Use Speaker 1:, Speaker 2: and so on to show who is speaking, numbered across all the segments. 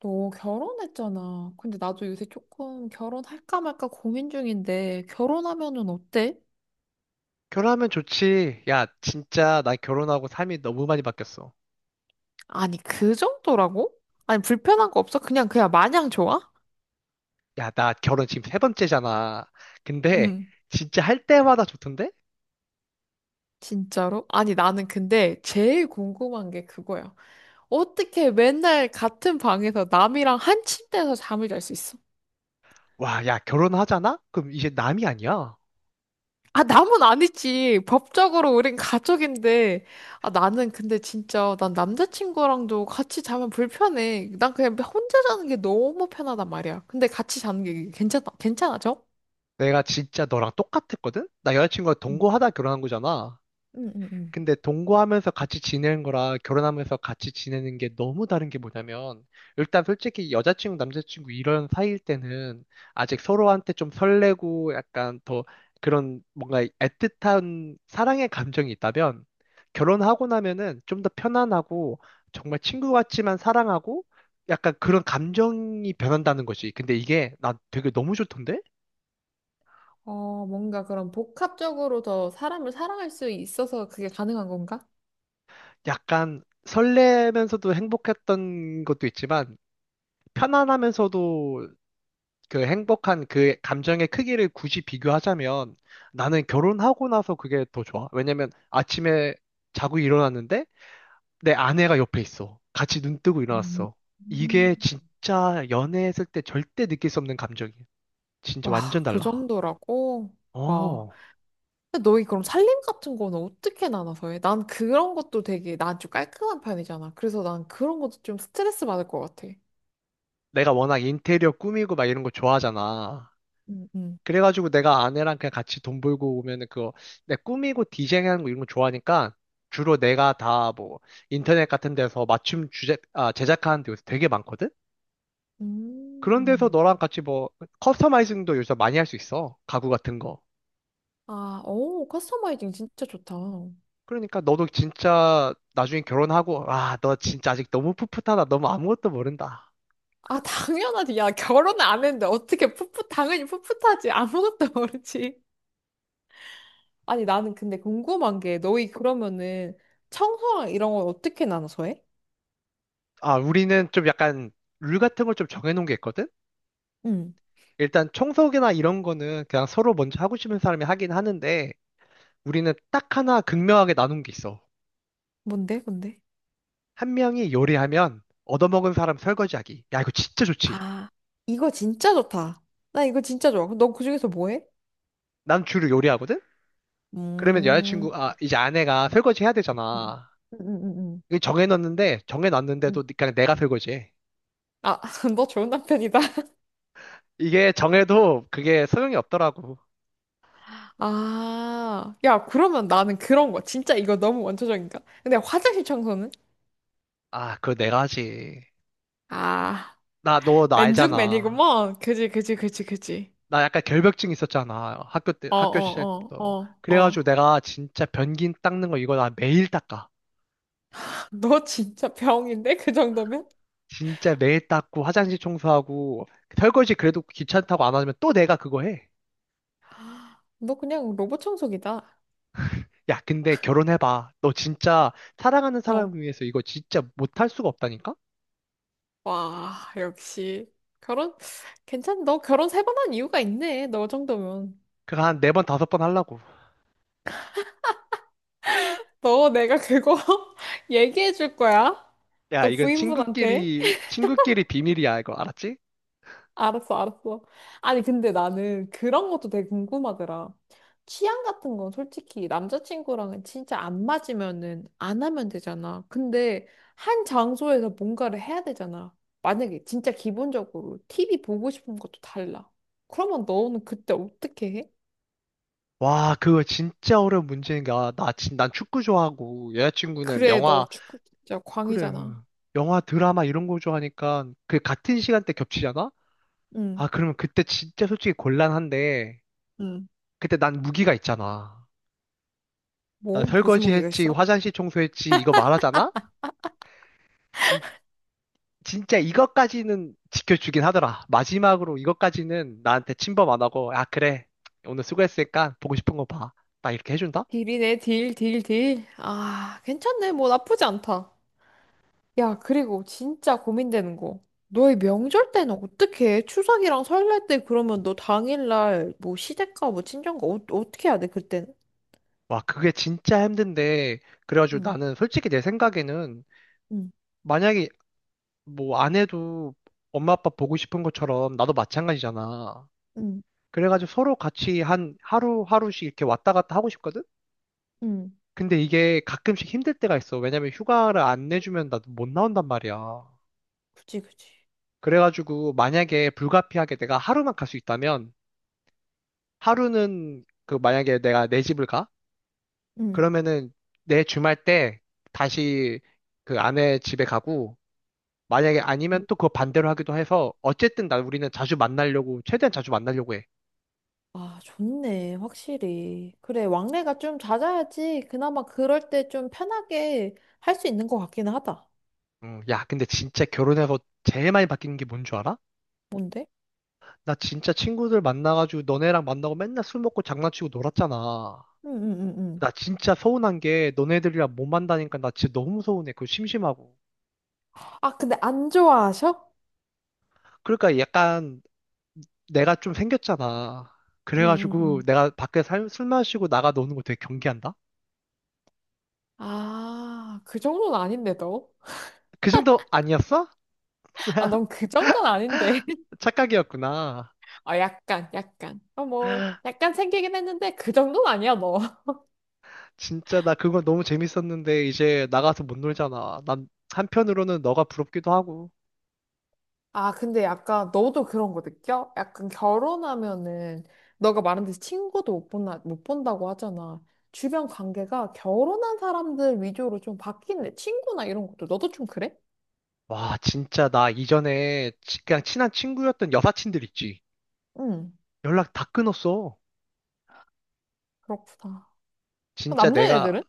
Speaker 1: 너 결혼했잖아. 근데 나도 요새 조금 결혼할까 말까 고민 중인데, 결혼하면은 어때?
Speaker 2: 결혼하면 좋지. 야, 진짜 나 결혼하고 삶이 너무 많이 바뀌었어.
Speaker 1: 아니, 그 정도라고? 아니, 불편한 거 없어? 그냥 마냥 좋아?
Speaker 2: 야, 나 결혼 지금 세 번째잖아. 근데
Speaker 1: 응.
Speaker 2: 진짜 할 때마다 좋던데?
Speaker 1: 진짜로? 아니, 나는 근데 제일 궁금한 게 그거야. 어떻게 맨날 같은 방에서 남이랑 한 침대에서 잠을 잘 수 있어?
Speaker 2: 와, 야, 결혼하잖아? 그럼 이제 남이 아니야.
Speaker 1: 아, 남은 아니지. 법적으로 우린 가족인데. 아, 나는 근데 진짜, 난 남자친구랑도 같이 자면 불편해. 난 그냥 혼자 자는 게 너무 편하단 말이야. 근데 같이 자는 게 괜찮아, 괜찮아져?
Speaker 2: 내가 진짜 너랑 똑같았거든? 나 여자친구가
Speaker 1: 응,
Speaker 2: 동거하다 결혼한 거잖아.
Speaker 1: 응응,
Speaker 2: 근데 동거하면서 같이 지내는 거랑 결혼하면서 같이 지내는 게 너무 다른 게 뭐냐면, 일단 솔직히 여자친구, 남자친구 이런 사이일 때는 아직 서로한테 좀 설레고 약간 더 그런 뭔가 애틋한 사랑의 감정이 있다면, 결혼하고 나면은 좀 더 편안하고 정말 친구 같지만 사랑하고 약간 그런 감정이 변한다는 거지. 근데 이게 나 되게 너무 좋던데?
Speaker 1: 어, 뭔가 그런 복합적으로 더 사람을 사랑할 수 있어서 그게 가능한 건가?
Speaker 2: 약간 설레면서도 행복했던 것도 있지만, 편안하면서도 그 행복한 그 감정의 크기를 굳이 비교하자면 나는 결혼하고 나서 그게 더 좋아. 왜냐면 아침에 자고 일어났는데 내 아내가 옆에 있어. 같이 눈 뜨고
Speaker 1: 음.
Speaker 2: 일어났어.
Speaker 1: 음.
Speaker 2: 이게 진짜 연애했을 때 절대 느낄 수 없는 감정이야. 진짜
Speaker 1: 와,
Speaker 2: 완전
Speaker 1: 그
Speaker 2: 달라.
Speaker 1: 정도라고? 와.
Speaker 2: 어.
Speaker 1: 근데 너희 그럼 살림 같은 거는 어떻게 나눠서 해? 난 그런 것도 되게 난 좀 깔끔한 편이잖아. 그래서 난 그런 것도 좀 스트레스 받을 것 같아.
Speaker 2: 내가 워낙 인테리어 꾸미고 막 이런 거 좋아하잖아.
Speaker 1: 음, 음.
Speaker 2: 그래가지고 내가 아내랑 그냥 같이 돈 벌고 오면은 그거 내 꾸미고 디자인하는 거 이런 거 좋아하니까 주로 내가 다 뭐 인터넷 같은 데서 맞춤 주제, 아, 제작하는 데 요새 되게 많거든? 그런 데서
Speaker 1: 음.
Speaker 2: 너랑 같이 뭐 커스터마이징도 요새 많이 할 수 있어. 가구 같은 거.
Speaker 1: 아, 오, 커스터마이징 진짜 좋다. 아,
Speaker 2: 그러니까 너도 진짜 나중에 결혼하고, 아, 너 진짜 아직 너무 풋풋하다. 너무 아무것도 모른다.
Speaker 1: 당연하지. 야, 결혼 안 했는데 어떻게 풋풋, 당연히 풋풋하지. 아무것도 모르지. 아니, 나는 근데 궁금한 게 너희 그러면은 청소랑 이런 건 어떻게 나눠서 해?
Speaker 2: 아, 우리는 좀 약간 룰 같은 걸 좀 정해놓은 게 있거든?
Speaker 1: 응.
Speaker 2: 일단 청소기나 이런 거는 그냥 서로 먼저 하고 싶은 사람이 하긴 하는데, 우리는 딱 하나 극명하게 나눈 게 있어.
Speaker 1: 뭔데, 뭔데?
Speaker 2: 한 명이 요리하면 얻어먹은 사람 설거지하기. 야, 이거 진짜 좋지.
Speaker 1: 아, 이거 진짜 좋다. 나 이거 진짜 좋아. 그럼 너 그중에서 뭐 해?
Speaker 2: 난 주로 요리하거든? 그러면 여자친구,
Speaker 1: 음.
Speaker 2: 아, 이제 아내가 설거지 해야
Speaker 1: 응,
Speaker 2: 되잖아.
Speaker 1: 응, 응, 응.
Speaker 2: 이거
Speaker 1: 응.
Speaker 2: 정해놨는데도 그냥 내가 설거지해.
Speaker 1: 아, 너 좋은 남편이다.
Speaker 2: 이게 정해도 그게 소용이 없더라고.
Speaker 1: 아, 야, 그러면 나는 그런 거. 진짜 이거 너무 원초적인가? 근데 화장실 청소는?
Speaker 2: 아, 그거 내가 하지.
Speaker 1: 아,
Speaker 2: 나, 너, 나 알잖아.
Speaker 1: 맨중맨이구먼. 그지, 그지, 그지, 그지.
Speaker 2: 나 약간 결벽증 있었잖아. 학교 때,
Speaker 1: 어,
Speaker 2: 학교 시절
Speaker 1: 어, 어,
Speaker 2: 때부터.
Speaker 1: 어,
Speaker 2: 그래가지고
Speaker 1: 어.
Speaker 2: 내가 진짜 변기 닦는 거 이거 나 매일 닦아.
Speaker 1: 너 진짜 병인데? 그 정도면?
Speaker 2: 진짜 매일 닦고 화장실 청소하고 설거지 그래도 귀찮다고 안 하면 또 내가 그거 해.
Speaker 1: 너 그냥 로봇 청소기다.
Speaker 2: 야, 근데 결혼해봐. 너 진짜 사랑하는
Speaker 1: 어.
Speaker 2: 사람 위해서 이거 진짜 못할 수가 없다니까?
Speaker 1: 와, 역시. 결혼, 괜찮, 너 결혼 세 번한 이유가 있네. 너 정도면.
Speaker 2: 그거 한 네 번, 다섯 번 하려고.
Speaker 1: 너 내가 그거 얘기해 줄 거야?
Speaker 2: 야,
Speaker 1: 너
Speaker 2: 이건
Speaker 1: 부인분한테?
Speaker 2: 친구끼리 비밀이야, 이거 알았지?
Speaker 1: 알았어, 알았어. 아니, 근데 나는 그런 것도 되게 궁금하더라. 취향 같은 건 솔직히 남자친구랑은 진짜 안 맞으면은 안 하면 되잖아. 근데 한 장소에서 뭔가를 해야 되잖아. 만약에 진짜 기본적으로 TV 보고 싶은 것도 달라. 그러면 너는 그때 어떻게 해?
Speaker 2: 와, 그거 진짜 어려운 문제인 거야. 나, 난 축구 좋아하고, 여자친구는
Speaker 1: 그래, 너
Speaker 2: 영화,
Speaker 1: 축구 진짜
Speaker 2: 그래.
Speaker 1: 광이잖아.
Speaker 2: 영화, 드라마 이런 거 좋아하니까, 그 같은 시간대 겹치잖아?
Speaker 1: 응.
Speaker 2: 아, 그러면 그때 진짜 솔직히 곤란한데,
Speaker 1: 응.
Speaker 2: 그때 난 무기가 있잖아. 나
Speaker 1: 뭐? 무슨
Speaker 2: 설거지
Speaker 1: 무기가
Speaker 2: 했지,
Speaker 1: 있어?
Speaker 2: 화장실 청소했지, 이거 말하잖아? 진, 진짜 이것까지는 지켜주긴 하더라. 마지막으로 이것까지는 나한테 침범 안 하고, 아, 그래. 오늘 수고했으니까 보고 싶은 거 봐. 나 이렇게 해준다?
Speaker 1: 딜이네, 딜, 딜, 딜. 아, 괜찮네. 뭐 나쁘지 않다. 야, 그리고 진짜 고민되는 거. 너의 명절 때는 어떻게 해? 추석이랑 설날 때 그러면 너 당일날 뭐 시댁가 뭐 친정가 어, 어떻게 해야 돼, 그때는?
Speaker 2: 와, 그게 진짜 힘든데. 그래가지고
Speaker 1: 응,
Speaker 2: 나는 솔직히 내 생각에는
Speaker 1: 응,
Speaker 2: 만약에 뭐 안 해도 엄마 아빠 보고 싶은 것처럼 나도 마찬가지잖아.
Speaker 1: 응,
Speaker 2: 그래가지고 서로 같이 한 하루하루씩 이렇게 왔다 갔다 하고 싶거든?
Speaker 1: 응.
Speaker 2: 근데 이게 가끔씩 힘들 때가 있어. 왜냐면 휴가를 안 내주면 나도 못 나온단 말이야.
Speaker 1: 그치, 그치.
Speaker 2: 그래가지고 만약에 불가피하게 내가 하루만 갈 수 있다면 하루는 그 만약에 내가 내 집을 가?
Speaker 1: 응.
Speaker 2: 그러면은 내 주말 때 다시 그 아내 집에 가고 만약에 아니면 또 그거 반대로 하기도 해서 어쨌든 나 우리는 자주 만나려고 최대한 자주 만나려고 해.
Speaker 1: 아, 좋네. 확실히. 그래, 왕래가 좀 잦아야지. 그나마 그럴 때 좀 편하게 할 수 있는 것 같기는 하다.
Speaker 2: 야, 근데 진짜 결혼해서 제일 많이 바뀌는 게 뭔 줄 알아?
Speaker 1: 뭔데?
Speaker 2: 나 진짜 친구들 만나가지고 너네랑 만나고 맨날 술 먹고 장난치고 놀았잖아.
Speaker 1: 응, 응, 응, 응.
Speaker 2: 나 진짜 서운한 게 너네들이랑 못 만나니까 나 진짜 너무 서운해. 그거 심심하고.
Speaker 1: 아, 근데 안 좋아하셔?
Speaker 2: 그러니까 약간 내가 좀 생겼잖아.
Speaker 1: 응, 응,
Speaker 2: 그래가지고
Speaker 1: 응.
Speaker 2: 내가 밖에 술 마시고 나가 노는 거 되게 경계한다?
Speaker 1: 아, 그 정도는 아닌데, 너?
Speaker 2: 그 정도 아니었어?
Speaker 1: 아, 넌 그 정도는 아닌데.
Speaker 2: 착각이었구나.
Speaker 1: 아, 약간, 약간. 어, 뭐, 약간 생기긴 했는데, 그 정도는 아니야, 너.
Speaker 2: 진짜 나 그거 너무 재밌었는데 이제 나가서 못 놀잖아. 난 한편으로는 너가 부럽기도 하고.
Speaker 1: 아, 근데 약간, 너도 그런 거 느껴? 약간 결혼하면은, 너가 말한 듯이 친구도 못 본다, 못 본다고 하잖아. 주변 관계가 결혼한 사람들 위주로 좀 바뀌네. 친구나 이런 것도. 너도 좀 그래?
Speaker 2: 와, 진짜 나 이전에 그냥 친한 친구였던 여사친들 있지.
Speaker 1: 응,
Speaker 2: 연락 다 끊었어.
Speaker 1: 그렇구나.
Speaker 2: 진짜 내가
Speaker 1: 남자애들은?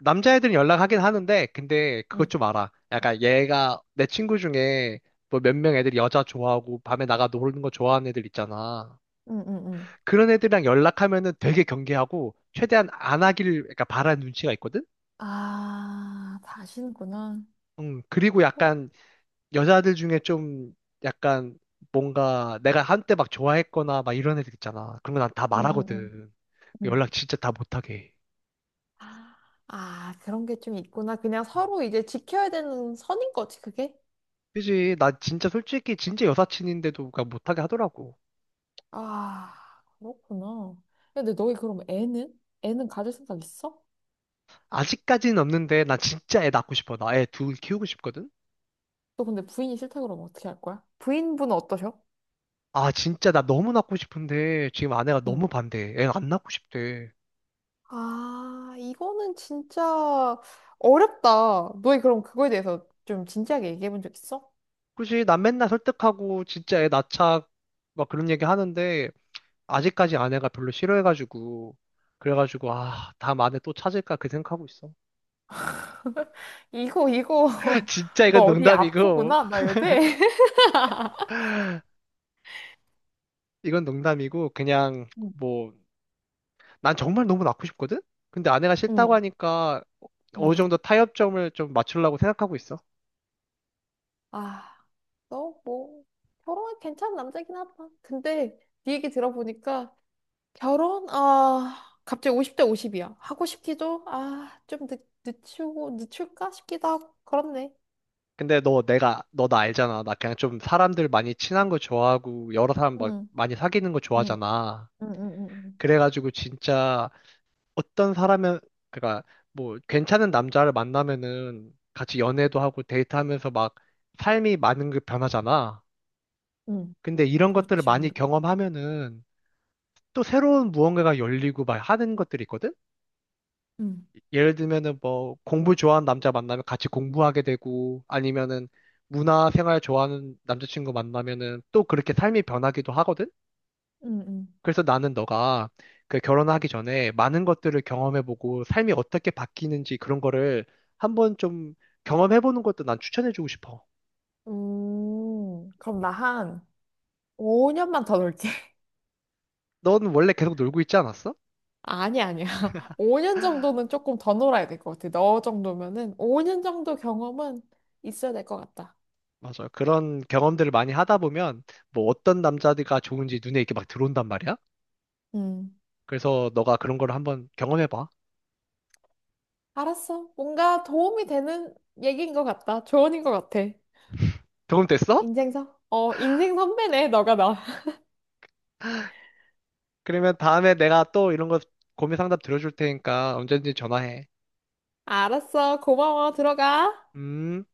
Speaker 2: 남자애들은 연락하긴 하는데, 근데 그것
Speaker 1: 응,
Speaker 2: 좀 알아. 약간 얘가 내 친구 중에 뭐 몇 명 애들이 여자 좋아하고 밤에 나가 노는 거 좋아하는 애들 있잖아.
Speaker 1: 응, 응, 응.
Speaker 2: 그런 애들이랑 연락하면은 되게 경계하고 최대한 안 하길 그러니까 바라는 눈치가 있거든?
Speaker 1: 아, 다시는구나.
Speaker 2: 그리고
Speaker 1: 응,
Speaker 2: 약간 여자들 중에 좀 약간 뭔가 내가 한때 막 좋아했거나 막 이런 애들 있잖아. 그런 거 난 다
Speaker 1: 응, 응.
Speaker 2: 말하거든.
Speaker 1: 응.
Speaker 2: 연락 진짜 다 못하게. 해.
Speaker 1: 아, 아, 그런 게 좀 있구나. 그냥 서로 이제 지켜야 되는 선인 거지, 그게?
Speaker 2: 그지? 나 진짜 솔직히 진짜 여사친인데도 그러니까 못하게 하더라고.
Speaker 1: 아, 그렇구나. 근데 너희 그럼 애는? 애는 가질 생각 있어?
Speaker 2: 아직까지는 없는데 나 진짜 애 낳고 싶어. 나 애 둘 키우고 싶거든?
Speaker 1: 너 근데 부인이 싫다 그러면 어떻게 할 거야? 부인분은 어떠셔?
Speaker 2: 아 진짜 나 너무 낳고 싶은데 지금 아내가
Speaker 1: 응.
Speaker 2: 너무 반대해. 애 안 낳고 싶대.
Speaker 1: 아, 이거는 진짜 어렵다. 너희 그럼 그거에 대해서 좀 진지하게 얘기해 본 적 있어?
Speaker 2: 그치? 난 맨날 설득하고 진짜 애 낳자 막 그런 얘기 하는데 아직까지 아내가 별로 싫어해가지고 그래가지고 아 다음 아내 또 찾을까 그 생각하고 있어.
Speaker 1: 이거, 이거,
Speaker 2: 진짜 이건
Speaker 1: 너 어디
Speaker 2: 농담이고
Speaker 1: 아프구나, 나 요새?
Speaker 2: 이건 농담이고 그냥
Speaker 1: 응.
Speaker 2: 뭐 난 정말 너무 낳고 싶거든? 근데 아내가 싫다고
Speaker 1: 응,
Speaker 2: 하니까 어, 어느
Speaker 1: 응.
Speaker 2: 정도 타협점을 좀 맞추려고 생각하고 있어.
Speaker 1: 아. 너 뭐 결혼은 괜찮은 남자긴 하다. 근데 네 얘기 들어보니까 결혼 아 갑자기 50대 50이야. 하고 싶기도 아 좀 늦추고 늦출까 싶기도 하고 그렇네.
Speaker 2: 근데 너 내가 너 나 알잖아. 나 그냥 좀 사람들 많이 친한 거 좋아하고 여러 사람 막
Speaker 1: 응,
Speaker 2: 많이 사귀는 거
Speaker 1: 응,
Speaker 2: 좋아하잖아.
Speaker 1: 응, 응, 응,
Speaker 2: 그래가지고 진짜 어떤 사람은 그러니까 뭐 괜찮은 남자를 만나면은 같이 연애도 하고 데이트하면서 막 삶이 많은 게 변하잖아.
Speaker 1: 응,
Speaker 2: 근데 이런 것들을
Speaker 1: 그렇지
Speaker 2: 많이
Speaker 1: 아무래도.
Speaker 2: 경험하면은 또 새로운 무언가가 열리고 막 하는 것들이 있거든.
Speaker 1: 응,
Speaker 2: 예를 들면은 뭐 공부 좋아하는 남자 만나면 같이 공부하게 되고 아니면은 문화 생활 좋아하는 남자친구 만나면은 또 그렇게 삶이 변하기도 하거든?
Speaker 1: 응, 응.
Speaker 2: 그래서 나는 너가 그 결혼하기 전에 많은 것들을 경험해보고 삶이 어떻게 바뀌는지 그런 거를 한번 좀 경험해보는 것도 난 추천해주고 싶어.
Speaker 1: 그럼 나 한 5년만 더 놀게.
Speaker 2: 넌 원래 계속 놀고 있지 않았어?
Speaker 1: 아니 아니야. 5년 정도는 조금 더 놀아야 될 것 같아. 너 정도면은 5년 정도 경험은 있어야 될 것 같다.
Speaker 2: 맞아. 그런 경험들을 많이 하다 보면 뭐 어떤 남자가 좋은지 눈에 이렇게 막 들어온단 말이야.
Speaker 1: 응.
Speaker 2: 그래서 너가 그런 걸 한번 경험해봐.
Speaker 1: 알았어. 뭔가 도움이 되는 얘기인 것 같다. 조언인 것 같아.
Speaker 2: 경험됐어?
Speaker 1: 인생 선? 어, 인생 선배네, 너가 나.
Speaker 2: 그러면 다음에 내가 또 이런 거 고민 상담 들어줄 테니까 언제든지 전화해.
Speaker 1: 알았어. 고마워. 들어가.
Speaker 2: 음.